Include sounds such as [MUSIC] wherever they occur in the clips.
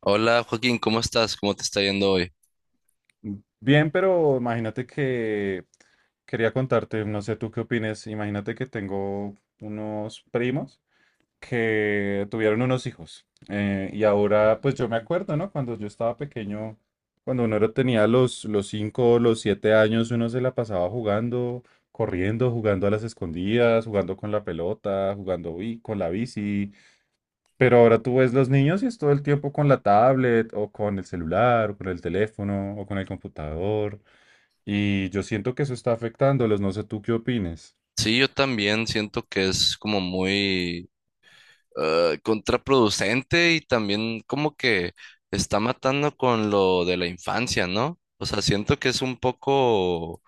Hola Joaquín, ¿cómo estás? ¿Cómo te está yendo hoy? Bien, pero imagínate que quería contarte, no sé tú qué opines, imagínate que tengo unos primos que tuvieron unos hijos y ahora pues yo me acuerdo, ¿no? Cuando yo estaba pequeño, cuando uno tenía los 5, los 7 años, uno se la pasaba jugando, corriendo, jugando a las escondidas, jugando con la pelota, jugando con la bici, pero ahora tú ves los niños y es todo el tiempo con la tablet o con el celular o con el teléfono o con el computador. Y yo siento que eso está afectándolos. No sé tú qué opines. Sí, yo también siento que es como muy contraproducente y también como que está matando con lo de la infancia, ¿no? O sea, siento que es un poco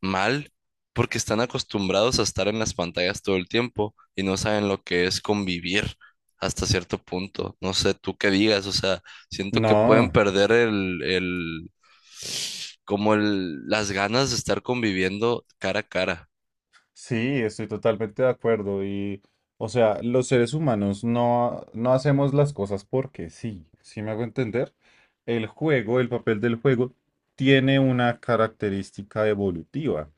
mal, porque están acostumbrados a estar en las pantallas todo el tiempo y no saben lo que es convivir hasta cierto punto. No sé tú qué digas, o sea, siento que pueden No, perder como el, las ganas de estar conviviendo cara a cara. sí, estoy totalmente de acuerdo. Y, o sea, los seres humanos no, no hacemos las cosas porque sí. ¿Sí me hago entender? El juego, el papel del juego, tiene una característica evolutiva.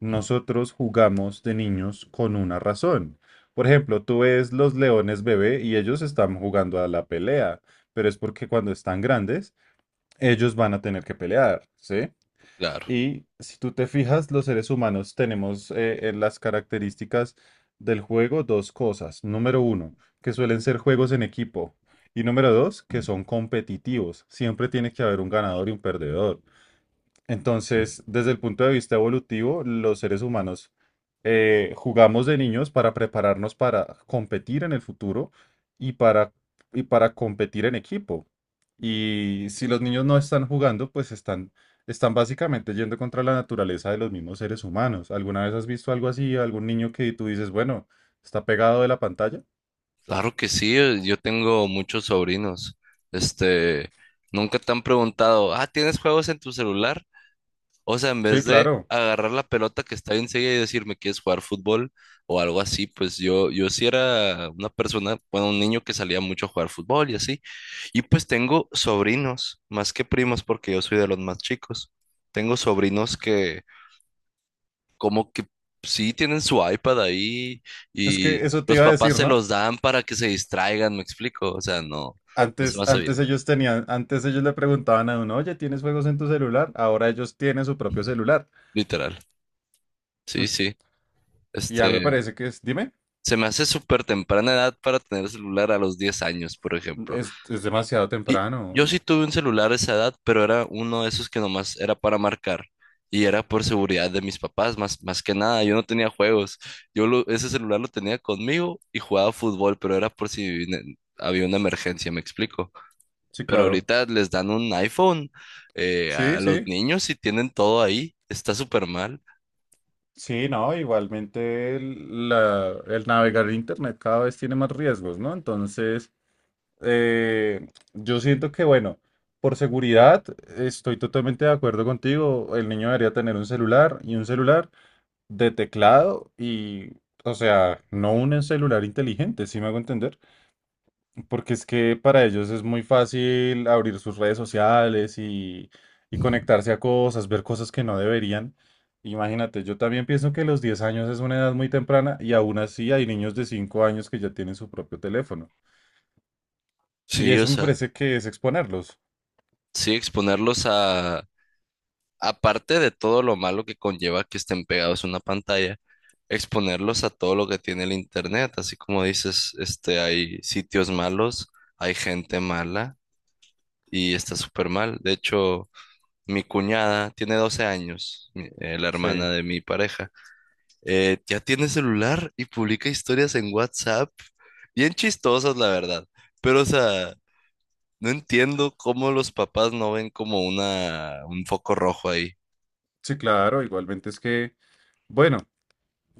Nosotros jugamos de niños con una razón. Por ejemplo, tú ves los leones bebé y ellos están jugando a la pelea, pero es porque cuando están grandes, ellos van a tener que pelear, ¿sí? Claro, Y si tú te fijas, los seres humanos tenemos en las características del juego dos cosas. Número uno, que suelen ser juegos en equipo. Y número dos, que son competitivos. Siempre tiene que haber un ganador y un perdedor. Entonces, desde el punto de vista evolutivo, los seres humanos jugamos de niños para prepararnos para competir en el futuro y para, y para competir en equipo. Y si los niños no están jugando, pues están básicamente yendo contra la naturaleza de los mismos seres humanos. ¿Alguna vez has visto algo así? ¿Algún niño que tú dices, bueno, está pegado de la pantalla? claro que sí, yo tengo muchos sobrinos. Este, nunca te han preguntado, ah, ¿tienes juegos en tu celular? O sea, en vez Sí, de claro. agarrar la pelota que está enseguida y decirme quieres jugar fútbol o algo así, pues yo sí era una persona, bueno, un niño que salía mucho a jugar fútbol y así. Y pues tengo sobrinos, más que primos, porque yo soy de los más chicos. Tengo sobrinos que como que sí tienen su iPad ahí Es que y eso te los iba a papás decir, se ¿no? los dan para que se distraigan, ¿me explico? O sea, no, no se me Antes, hace antes bien, ellos tenían, antes ellos le preguntaban a uno, oye, ¿tienes juegos en tu celular? Ahora ellos tienen su propio celular. literal. Sí, Mm. sí. Y ya Este, me parece que es, dime, se me hace súper temprana edad para tener celular a los 10 años, por ejemplo. es demasiado Y temprano. yo Y- sí tuve un celular a esa edad, pero era uno de esos que nomás era para marcar. Y era por seguridad de mis papás, más, más que nada. Yo no tenía juegos. Ese celular lo tenía conmigo y jugaba fútbol, pero era por si había una emergencia, me explico. sí, Pero claro. ahorita les dan un iPhone a Sí, los sí. niños y tienen todo ahí. Está súper mal. Sí, no, igualmente el navegar en internet cada vez tiene más riesgos, ¿no? Entonces, yo siento que, bueno, por seguridad, estoy totalmente de acuerdo contigo. El niño debería tener un celular y un celular de teclado y, o sea, no un celular inteligente, si me hago entender, porque es que para ellos es muy fácil abrir sus redes sociales y conectarse a cosas, ver cosas que no deberían. Imagínate, yo también pienso que los 10 años es una edad muy temprana y aún así hay niños de 5 años que ya tienen su propio teléfono. Y Sí, o eso me sea, parece que es exponerlos. sí, exponerlos a aparte de todo lo malo que conlleva que estén pegados a una pantalla, exponerlos a todo lo que tiene el internet, así como dices, este, hay sitios malos, hay gente mala y está súper mal. De hecho, mi cuñada tiene 12 años, la Sí, hermana de mi pareja, ya tiene celular y publica historias en WhatsApp, bien chistosas, la verdad, pero o sea... No entiendo cómo los papás no ven como una un foco rojo ahí. sí, claro, igualmente es que, bueno.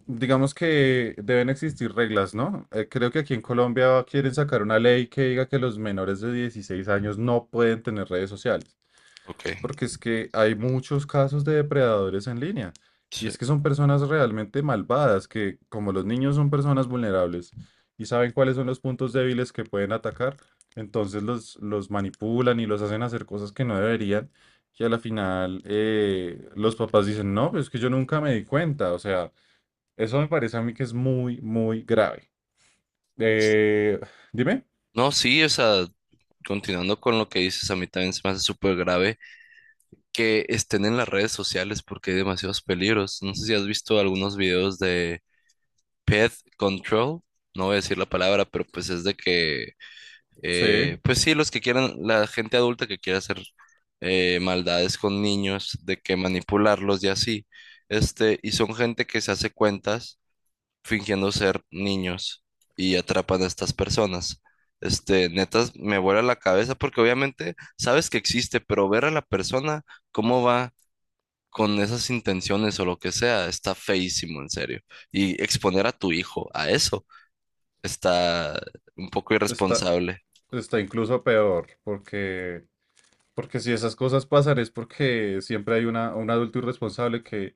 Digamos que deben existir reglas, ¿no? Creo que aquí en Colombia quieren sacar una ley que diga que los menores de 16 años no pueden tener redes sociales, Ok, porque es que hay muchos casos de depredadores en línea, y sí. es que son personas realmente malvadas, que como los niños son personas vulnerables y saben cuáles son los puntos débiles que pueden atacar, entonces los manipulan y los hacen hacer cosas que no deberían, y a la final los papás dicen, no, pero es que yo nunca me di cuenta, o sea. Eso me parece a mí que es muy, muy grave. Eh, dime, No, sí, o sea, continuando con lo que dices, a mí también se me hace súper grave que estén en las redes sociales porque hay demasiados peligros. No sé si has visto algunos videos de Pet Control, no voy a decir la palabra, pero pues es de que, sí, pues sí, los que quieran, la gente adulta que quiera hacer maldades con niños, de que manipularlos y así, este, y son gente que se hace cuentas fingiendo ser niños y atrapan a estas personas. Este, neta me vuela la cabeza porque obviamente sabes que existe, pero ver a la persona, cómo va con esas intenciones o lo que sea, está feísimo, en serio. Y exponer a tu hijo a eso está un poco está, irresponsable. está incluso peor, porque si esas cosas pasan es porque siempre hay un adulto irresponsable que,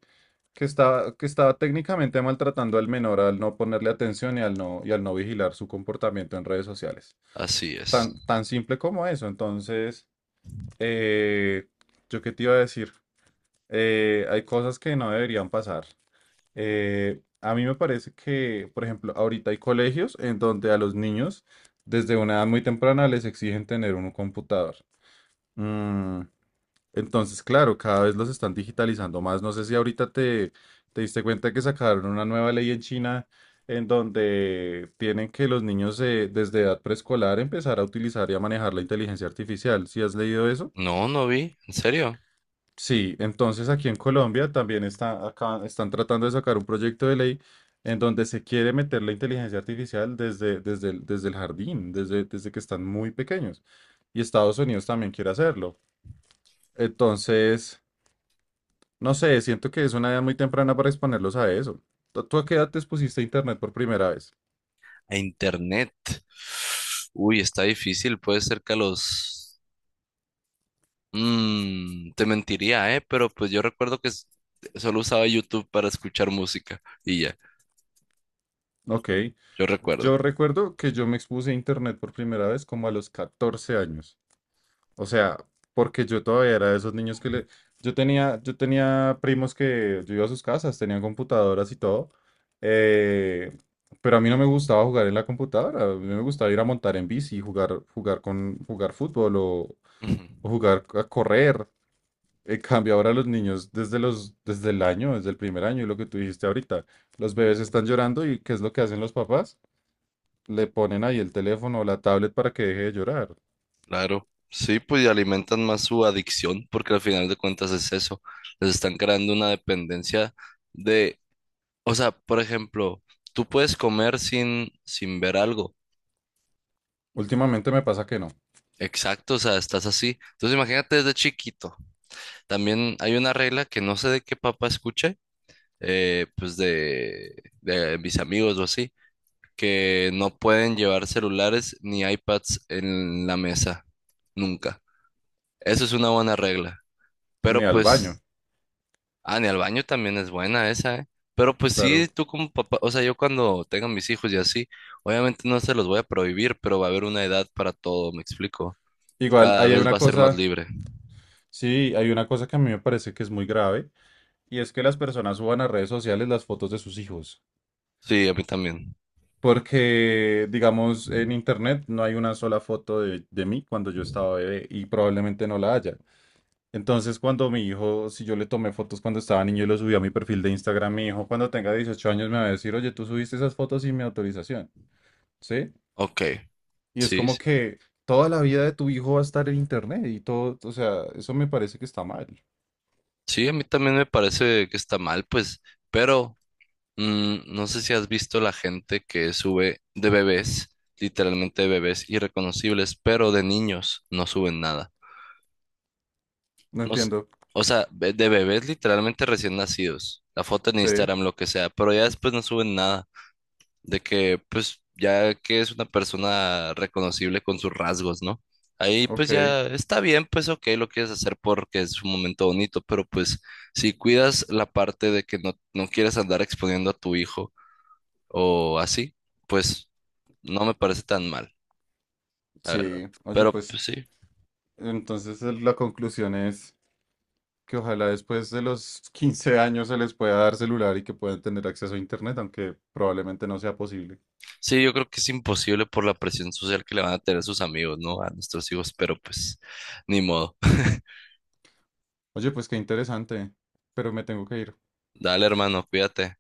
que está que estaba técnicamente maltratando al menor al no ponerle atención y al no vigilar su comportamiento en redes sociales. Así es. Tan, tan simple como eso. Entonces, eh, ¿yo qué te iba a decir? Hay cosas que no deberían pasar. A mí me parece que, por ejemplo, ahorita hay colegios en donde a los niños desde una edad muy temprana les exigen tener un computador. Mm, entonces, claro, cada vez los están digitalizando más. No sé si ahorita te diste cuenta que sacaron una nueva ley en China en donde tienen que los niños desde edad preescolar empezar a utilizar y a manejar la inteligencia artificial. ¿Si has leído eso? No, no vi, en serio. Sí, entonces aquí en Colombia también está, acá, están tratando de sacar un proyecto de ley en donde se quiere meter la inteligencia artificial desde el jardín, desde que están muy pequeños. Y Estados Unidos también quiere hacerlo. Entonces, no sé, siento que es una edad muy temprana para exponerlos a eso. ¿Tú a qué edad te expusiste a Internet por primera vez? A internet. Uy, está difícil, puede ser que a los te mentiría, ¿eh? Pero pues yo recuerdo que solo usaba YouTube para escuchar música y ya, Ok, yo recuerdo. yo recuerdo que yo me expuse a Internet por primera vez como a los 14 años. O sea, porque yo todavía era de esos niños que le. Yo tenía primos que yo iba a sus casas, tenían computadoras y todo, eh, pero a mí no me gustaba jugar en la computadora, a mí me gustaba ir a montar en bici, jugar fútbol o, Ujú. o jugar a correr. En cambio, ahora los niños, desde el primer año, y lo que tú dijiste ahorita, los bebés están llorando y ¿qué es lo que hacen los papás? Le ponen ahí el teléfono o la tablet para que deje de llorar. Claro, sí, pues y alimentan más su adicción porque al final de cuentas es eso, les están creando una dependencia de, o sea, por ejemplo, tú puedes comer sin, sin ver algo. Últimamente me pasa que no, Exacto, o sea, estás así. Entonces imagínate desde chiquito. También hay una regla que no sé de qué papá escuché, pues de mis amigos o así que no pueden llevar celulares ni iPads en la mesa, nunca. Eso es una buena regla. Pero ni al pues, baño. ah, ni al baño también es buena esa, ¿eh? Pero pues sí, Claro. tú como papá, o sea, yo cuando tenga mis hijos y así, obviamente no se los voy a prohibir, pero va a haber una edad para todo, ¿me explico? Igual, Cada ahí hay vez una va a ser más cosa, libre. sí, hay una cosa que a mí me parece que es muy grave, y es que las personas suban a redes sociales las fotos de sus hijos. Sí, a mí también. Porque, digamos, en internet no hay una sola foto de mí cuando yo estaba bebé, y probablemente no la haya. Entonces, cuando mi hijo, si yo le tomé fotos cuando estaba niño y lo subí a mi perfil de Instagram, mi hijo cuando tenga 18 años me va a decir, oye, tú subiste esas fotos sin mi autorización, ¿sí? Ok, Y es sí, como sí. que toda la vida de tu hijo va a estar en internet y todo, o sea, eso me parece que está mal. Sí, a mí también me parece que está mal, pues, pero mm, no sé si has visto la gente que sube de bebés, literalmente de bebés irreconocibles, pero de niños no suben nada. No No s- entiendo. o sea, de bebés literalmente recién nacidos. La foto en Sí, Instagram, lo que sea, pero ya después no suben nada. De que, pues, ya que es una persona reconocible con sus rasgos, ¿no? Ahí ok, pues ya está bien, pues ok, lo quieres hacer porque es un momento bonito, pero pues si cuidas la parte de que no, no quieres andar exponiendo a tu hijo o así, pues no me parece tan mal, la verdad. sí. Oye, Pero pues pues sí, entonces la conclusión es que ojalá después de los 15 años se les pueda dar celular y que puedan tener acceso a internet, aunque probablemente no sea posible. sí, yo creo que es imposible por la presión social que le van a tener sus amigos, ¿no? A nuestros hijos, pero pues ni modo. Oye, pues qué interesante, pero me tengo que ir. [LAUGHS] Dale, hermano, cuídate.